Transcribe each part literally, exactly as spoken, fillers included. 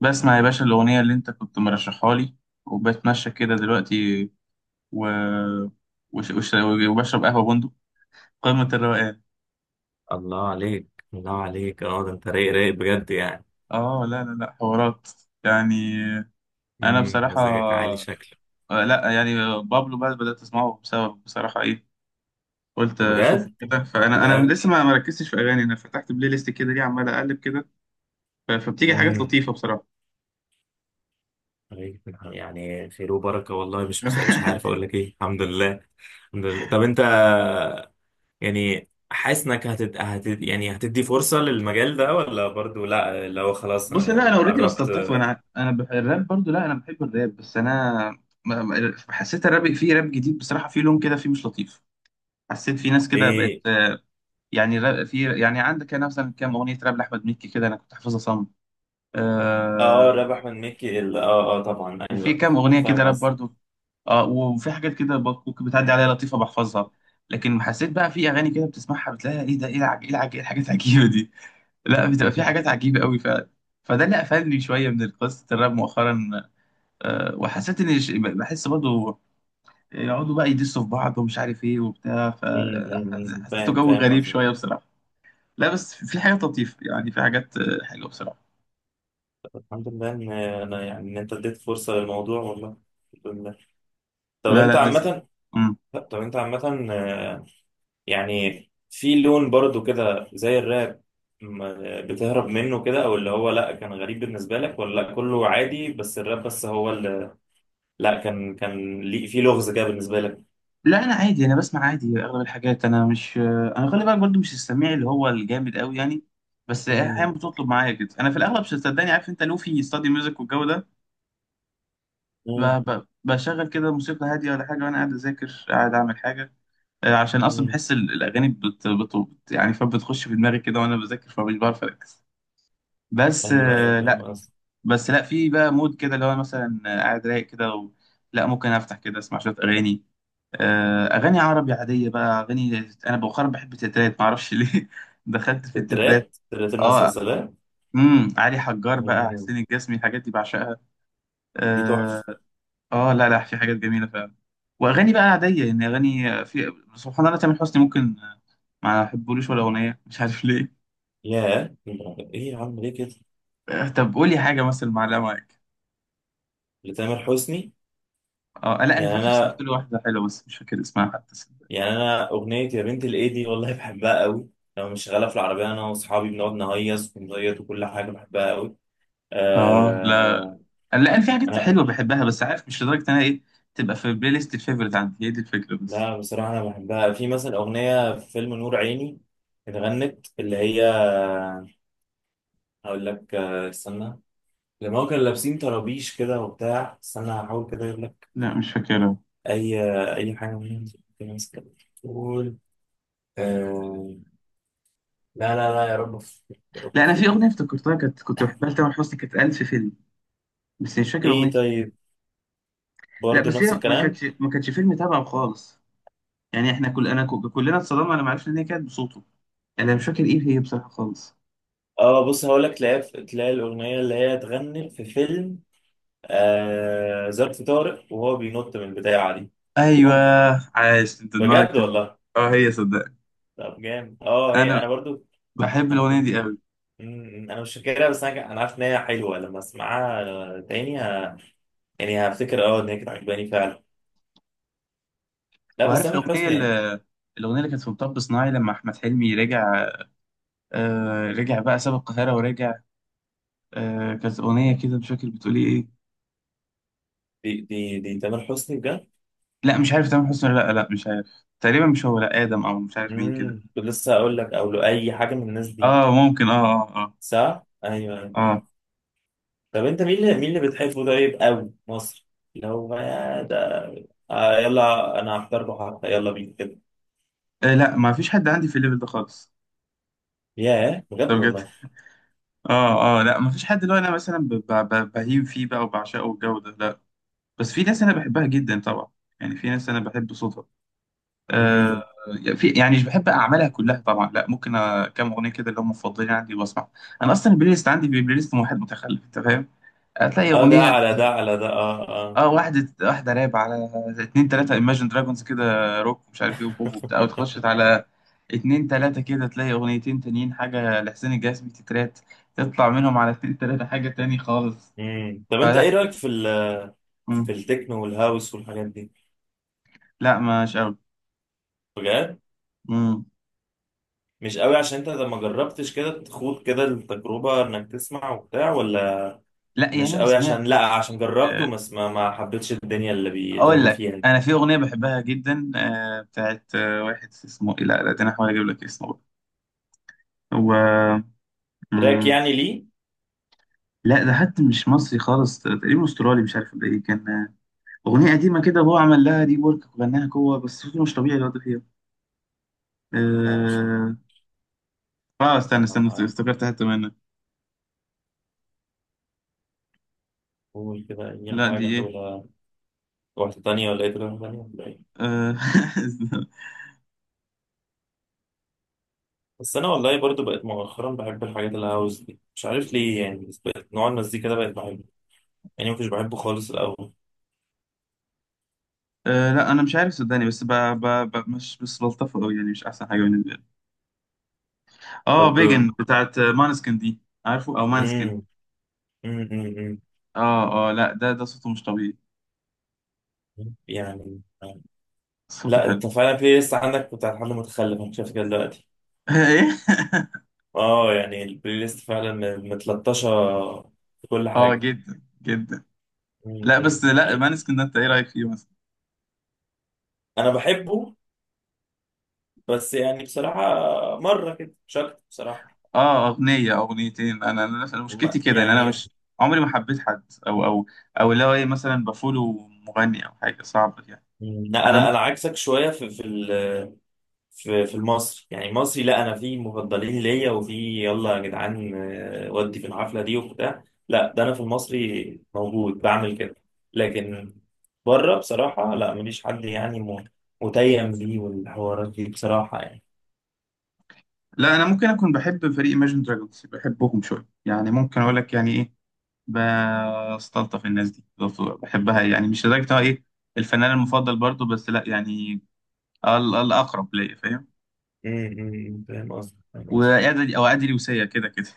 بسمع يا باشا الأغنية اللي أنت كنت مرشحها لي وبتمشى كده دلوقتي و... وش... وش... وبشرب قهوة بندق. قمة الروقان. الله عليك. الله عليك، اه ده انت رايق رايق بجد يعني. آه لا لا لا حوارات، يعني. أنا امم بصراحة، مزاجك عالي شكله. آه، لا، يعني. بابلو بقى بدأت أسمعه بسبب، بصراحة، إيه؟ قلت أشوفه بجد؟ كده. فأنا أنا لا. لسه ما ما ركزتش في أغاني، أنا فتحت بلاي ليست كده ليه، عمال أقلب كده. ف- فبتيجي حاجات امم لطيفة بصراحة. طيب، يعني خير وبركه والله. مش مس- مش عارف اقول لك ايه، الحمد لله. الحمد لله. طب انت يعني حاسس انك هتد... هتد... يعني هتدي فرصه للمجال ده ولا برضو، لا لو خلاص بص، لا، انا آه، اوريدي قربت بستلطفه. آه، انا انا بح- الراب برضو، لا، انا بحب الراب، بس انا م- م- حسيت الراب، في راب جديد بصراحه، في لون كده فيه مش لطيف. حسيت في ناس كده بقت، ايه. آه، يعني را- في يعني عندك انا مثلا كام اغنيه راب لاحمد مكي كده، انا كنت حافظها صم. اه آه. رابح احمد مكي ال- اه اه طبعا وفي ايوه. كام انا اغنيه فاهم كده راب قصدي. برضو. اه، وفي حاجات كده ب- ممكن بتعدي عليا لطيفه بحفظها. لكن حسيت بقى في اغاني كده بتسمعها بتلاقيها ايه ده، ايه العج... ايه العج... ايه الحاجات العجيبه دي؟ لا، بتبقى في حاجات عجيبه قوي فعلا. فده اللي قفلني شويه من قصه الراب مؤخرا. آه، وحسيت ان ش- بحس برضه يقعدوا بقى يدسوا في بعض ومش عارف ايه وبتاع، أمم، أمم، أمم، فحسيته فاهم، جو فاهم غريب قصدي. شويه بصراحه. لا بس في حاجات لطيفه، يعني في حاجات آه، حلوه بصراحه. الحمد لله ان انا يعني ان انت اديت فرصه للموضوع والله. الحمد لله. طب لا انت لا، لذيذ. عامه، مم. طب انت عامه آه، يعني في لون برضو كده زي الراب، م- بتهرب منه كده، او اللي هو لا كان غريب بالنسبه لك، ولا لا كله عادي بس الراب بس هو اللي، لا كان كان ليه في لغز كده بالنسبه لك؟ لا، انا عادي، انا بسمع عادي اغلب الحاجات. انا مش، آه، انا خلي بالك برضه مش السميع اللي هو الجامد قوي، يعني. بس مم، احيانا بتطلب معايا كده. انا في الاغلب، صدقني، عارف انت لوفي ستادي ميوزك والجو ده، مم، ب- ب- بشغل كده موسيقى هاديه ولا حاجه وانا قاعد اذاكر قاعد اعمل حاجه. آه، عشان اصلا مم. بحس ال- الاغاني بت... بت... بت... يعني فبتخش في دماغي كده وانا بذاكر فمش بعرف اركز. بس، ايوه ايوه آه، فاهم لا. قصدي. بس لا في بقى مود كده اللي هو مثلا، آه، قاعد رايق كده و... لا، ممكن افتح كده اسمع شويه اغاني. آه، اغاني عربي عاديه بقى. اغاني، انا بؤخرا بحب التترات، معرفش ليه، دخلت في التترات. الترات، ترات اه. المسلسلات. امم علي حجار بقى، مم، حسين الجسمي، الحاجات دي بعشقها. دي تحفه. آه. اه لا لا، في حاجات جميله فعلا. واغاني بقى عاديه يعني، اغاني في سبحان الله. تامر حسني، ممكن، آه، ما احبولوش ولا اغنيه، مش عارف ليه. ياه، ايه يا عم ليه كده؟ آه، طب قولي حاجه مثلا معلقه معاك. لتامر حسني؟ اه، لا، انا يعني فاكر سمعت انا له واحده حلوه بس مش فاكر اسمها حتى. يعني انا اغنيه يا بنت الايدي والله بحبها قوي. لما مش شغاله في العربيه انا واصحابي بنقعد نهيص ونزيط، وكل حاجه بحبها قوي. اه لا آه. لا، انا في حاجات انا، حلوه بحبها، بس عارف مش لدرجه إن انا ايه، تبقى في البلاي ليست الفيفوريت عندي. هي دي الفكره بس. لا بصراحه انا بحبها، في مثلا اغنيه في فيلم نور عيني اتغنت، اللي هي، هقول لك آه، استنى. لما هو كانوا لابسين طرابيش كده وبتاع، استنى هحاول كده اجيب لك لا، مش فاكرها. اي، اي حاجه منهم كده ماسكة بتقول، آه، لا لا لا يا رب أفتكر، يا رب لا، انا في افتكر. اغنيه افتكرتها كانت، كنت بحبها لتامر حسني، كانت ألف فيلم، بس مش فاكر ايه، اغنيه إيه. طيب، لا، برضه بس نفس هي ما الكلام. كانتش ما كانتش فيلم تابعه خالص، يعني احنا كل، انا كو- كلنا اتصدمنا لما عرفنا ان هي كانت بصوته. انا مش فاكر ايه هي بصراحه خالص. اه بص، هقول لك، تلاقي تلاقي الاغنيه اللي هي اتغنت في فيلم آه ظرف طارق، وهو بينط من البدايه دي، ايوه، ممكن. عايش انت دماغك بجد حلو. والله. اه هي صدق. طب جامد، اه هي انا انا برضو. بحب انا الاغنيه كنت، دي قوي. مم، انا مش فاكرها بس انا ك- انا عارف ان هي حلوه، لما اسمعها تاني ه... يعني هفتكر اه ان هي كانت عجباني فعلا. لا بس وعارف تامر الاغنيه حسني يعني، اللي، الاغنيه اللي كانت في مطب صناعي لما احمد حلمي رجع، آه رجع بقى ساب القاهره ورجع، آه كانت اغنيه كده مش فاكر بتقول ايه؟ دي دي دي تامر حسني بجد. لا مش عارف تامر حسني ولا لا لا، مش عارف. تقريبا مش هو، لا ادم او مش عارف مين كده. امم كنت لسه هقول لك او له اي حاجه من الناس دي. اه ممكن، اه اه. صح، ايوه. اه، آه. طب انت مين اللي مين اللي بتحبه طيب قوي مصر، اللي هو بقى ده؟ آه يلا، انا هختار بحر، يلا بينا كده. آه لا، ما فيش حد عندي في الليفل ده خالص. ياه، ده بجد بجد. والله. اه اه، لا ما فيش حد اللي هو انا مثلا ب- ب- ب- بهيم فيه بقى وبعشقه والجو ده، لا. بس في ناس انا بحبها جدا طبعا. يعني في ناس انا بحب صوتها، آه. امم. في يعني مش بحب اعمالها كلها طبعا، لا ممكن آه، كام اغنيه كده اللي هم مفضلين عندي واسمع. انا اصلا البلاي ليست عندي، بلاي ليست واحد متخلف، انت فاهم؟ هتلاقي اه ده اغنيه، على ده على ده اه اه. اه، واحدة واحدة راب، على اتنين تلاتة ايماجن دراجونز كده، روك ومش عارف ايه، وبوب وبتاع، وتخشت على اتنين تلاتة كده تلاقي اغنيتين تانيين، حاجة لحسين الجسمي تترات، تطلع منهم على اتنين تلاتة حاجة تاني خالص. امم. طب انت ايه فلا. رايك في ال في مم. التكنو والهاوس والحاجات دي؟ لا مش قوي. بجد؟ مم. مش قوي عشان انت لما جربتش كده تخوض كده التجربه، انك تسمع وبتاع، ولا لا يعني مش انا قوي سمعت. عشان لا عشان جربته آه، بس ما ما حبيتش الدنيا اللي بي اللي اقول هم لك، فيها انا دي. في اغنية بحبها جدا، آه، بتاعت آه، واحد اسمه إيه؟ لا لا، ده انا هحاول اجيب لك اسمه بقى. هو، تراك مم. يعني ليه؟ لا ده حتى مش مصري خالص، تقريبا استرالي مش عارف ده ايه كان. أغنية قديمة كده، هو عمل لها ري ورك وغناها جوه، بس صوته مش طبيعي الواد فيها. لا مش، آه... آه استنى استنى است- هجربها. افتكرت حتة منها. قول كده أي لا دي حاجة، إيه. ولا واحدة تانية، ولا إيه تجربة تانية ولا إيه؟ آه... بس أنا والله برضو بقيت مؤخرا بحب الحاجات الهاوس دي، مش عارف ليه يعني، بس بقيت نوع المزيكا ده بقيت بحبه، يعني ما كنتش بحبه خالص الأول. آه... لا أنا مش عارف صدقني، بس ب... ب... ب... مش بس بلطفه أوي يعني، مش أحسن حاجة بالنسبة لي. آه بيجن طب. بتاعت مانسكن دي، عارفه أو مانسكن. امم، امم. آه آه، لا ده ده صوته مش طبيعي. يعني. صوته لا حلو. أنت فعلا بلاي ليست عندك بتاع حد متخلف، أنا شايف كده دلوقتي. إيه؟ أه يعني البلاي ليست فعلا متلطشة في كل آه حاجة. جدا جدا. امم، لا بس، لا حقيقي. مانسكن ده أنت إيه رأيك فيه مثلا؟ أنا بحبه، بس يعني بصراحة مرة كده مش أكتر بصراحة. اه اغنيه او اغنيتين. انا انا أنا مشكلتي ما- كده ان انا يعني مش عمري ما حبيت حد، او او او اللي هو ايه، مثلا بفولو مغني او حاجه، صعب يعني. مم. لا انا انا ممكن، انا عكسك شويه في في ال- في في المصري، يعني مصري، لا انا في مفضلين ليا، وفي يلا يا جدعان آه، ودي في الحفله دي وبتاع. لا ده انا في المصري موجود بعمل كده، لكن بره بصراحه لا ماليش حد يعني، م- متيم ليه والحوارات دي بصراحه يعني. لا انا ممكن اكون بحب فريق Imagine Dragons، بحبهم شويه يعني، ممكن اقول لك يعني ايه، بستلطف الناس دي، بحبها، يعني مش لدرجه إن هو ايه، الفنان المفضل برضو، بس لا يعني ال- الاقرب ليا، فاهم؟ مم، مم، فاهم قصدي، فاهم قصدي. وادي، او ادي لوسية كده كده.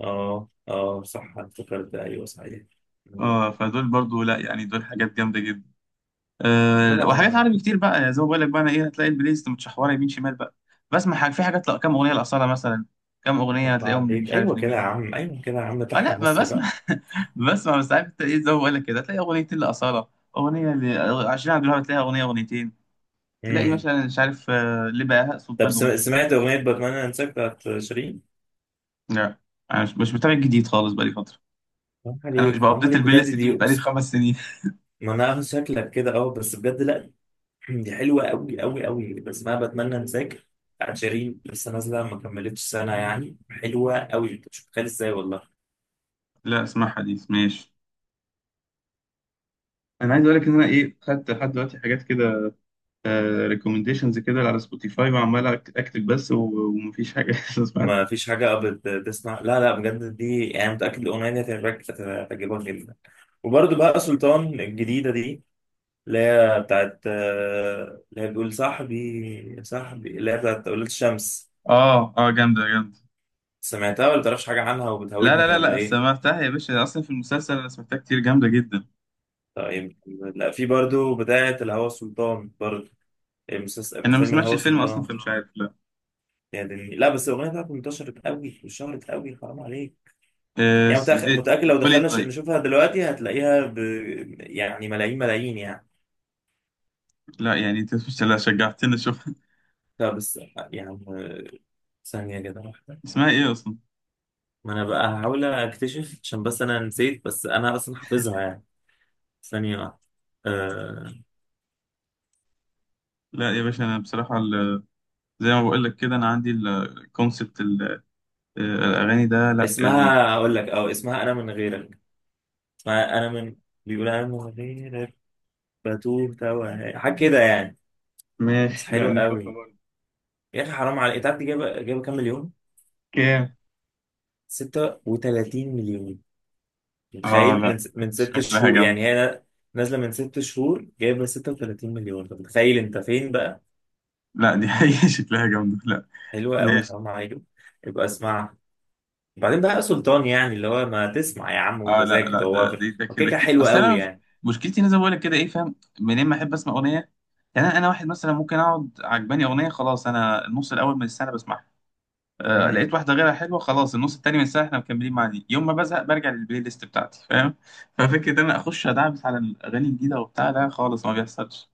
اه اه صح، افتكرت ده، ايوه صحيح. مم. اه، فدول برضو، لا يعني دول حاجات جامده جدا. أه، طبعا وحاجات ما، عربي كتير بقى. يعني زي ما بقول لك بقى، انا ايه، هتلاقي البلاي ليست متشحوره يمين شمال بقى. بسمع حاجة، في حاجات، لا كام اغنيه لاصالة مثلا، كام اغنيه قطع هتلاقيهم اللي عليك، مش عارف ايوه كده يا لمين. عم، ايوه كده يا عم، اه تحيا لا، ما مصر بقى. بسمع. بسمع، بس عارف انت ايه، زي ما بقول لك كده هتلاقي اغنيتين لاصالة، اغنيه ل عشرين عبد الوهاب، هتلاقيها اغنيه، اغنيتين، تلاقي مم. مثلا مش عارف آه، لبهاء طب سلطان سم- اغنيه. سمعت أغنية بتمنى أنساك بتاعت شيرين؟ لا انا مش، مش متابع جديد خالص بقالي فتره. حرام انا مش عليك، حرام بابديت عليك البلاي بجد، ليست دي دي من بقالي أقسم. خمس سنين. ما أنا عارف شكلك كده، أه، بس بجد لأ. دي حلوة أوي أوي أوي، بسمعها بتمنى أنساك بتاعت شيرين، لسه نازلة ما كملتش سنة يعني، حلوة أوي، أنت مش متخيل إزاي والله. لا اسمعها دي، ماشي. انا عايز اقول لك ان انا ايه، خدت لحد دلوقتي حاجات كده ريكومنديشنز كده على سبوتيفاي، وعمال أك- اكتب بس، و- ومفيش حاجه لسه ما سمعتها. فيش حاجة بت- بتسمع لا لا. بجد دي يعني، متأكد الأغنية دي هتعجبك، هتعجبك جدا. وبرده بقى سلطان الجديدة دي، اللي هي بتاعت آه، اللي هي بتقول صاحبي صاحبي، اللي هي بتاعت أولاد الشمس، اه اه جامدة جامدة. سمعتها ولا تعرفش حاجة عنها لا لا وبتهودني لا ولا لا إيه؟ سمعتها يا باشا، اصلا في المسلسل انا سمعتها كتير، جامدة جدا. طيب. لا في برضو بتاعة الهوى سلطان برضو، المسلسل من انا ما فيلم سمعتش الهوى الفيلم اصلا، سلطان. فمش عارف لا. يعني لا بس الأغنية بتاعته انتشرت قوي وشهرت قوي، حرام عليك. إيه يعني س- متأخ- إيه متأكد لو بتقول ايه دخلنا ش- طيب؟ نشوفها دلوقتي هتلاقيها ب... يعني ملايين ملايين يعني. لا يعني انت مش، لا شجعتني اشوف. لا بس يعني، ثانية كده واحدة. اسمها ايه اصلا؟ ما أنا بقى هحاول أكتشف عشان بس أنا نسيت، بس أنا أصلا حافظها يعني. ثانية واحدة. أه... لا يا باشا، انا بصراحة ال- زي ما بقول لك كده، انا عندي الكونسبت الاغاني ده لا يعني. اسمها، أقول لك، أه اسمها أنا من غيرك، فانا من، بيقول انا من غيرك بتوه توه حاجه كده يعني، بس ماشي، لا حلوه نشوفها قوي. برضه. يا اخي حرام عليك، انت عارف دي جايبه جايبه كام مليون؟ كام؟ ستة وثلاثين مليون. اه متخيل؟ لا من س... من ست شكلها شهور جامدة. يعني، هي نازله من ست شهور جايبه ستة وثلاثين مليون، طب متخيل انت فين بقى. لا دي حقيقة شكلها جامدة. لا حلوه قوي ماشي. حرام عليك. يبقى اسمعها، بعدين بقى يا سلطان يعني، اللي هو ما تسمع يا عم، وانت اه لا زي لا، كده هو ده ده، ده هو كده كده كده كده، حلو اصل قوي انا مش- يعني. مشكلتي إن انا زي ما بقول لك كده ايه، فاهم منين، ما احب اسمع اغنيه. يعني انا أنا واحد مثلا ممكن اقعد عجباني اغنيه، خلاص انا النص الاول من السنه بسمعها، آه لقيت امم. واحده غيرها حلوه، خلاص النص التاني من السنه احنا مكملين مع دي. يوم ما بزهق برجع للبلاي ليست بتاعتي، فاهم؟ ففكره ان انا اخش ادعبس على الاغاني الجديده وبتاع، لا خالص ما بيحصلش.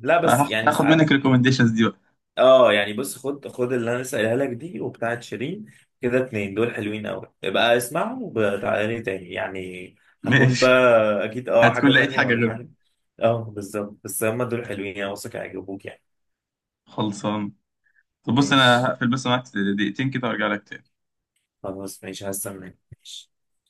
لا بس فهاخد يعني هاخد ساعات. منك ريكومنديشنز دي بقى. اه يعني، بص خد، خد اللي انا لسه قايلها لك دي، وبتاعت شيرين، كده اتنين دول حلوين قوي، ابقى اسمعهم وتعالى لي تاني يعني. هكون ماشي. بقى اكيد اه هتكون حاجه لقيت تانية حاجه ولا غيرهم. حاجه. اه بالظبط، بس هما دول حلوين، انا واثق هيعجبوك يعني. خلصان. طب بص انا ماشي. هقفل بس معاك دقيقتين كده وارجع لك تاني. خلاص ماشي، هستناك ماشي.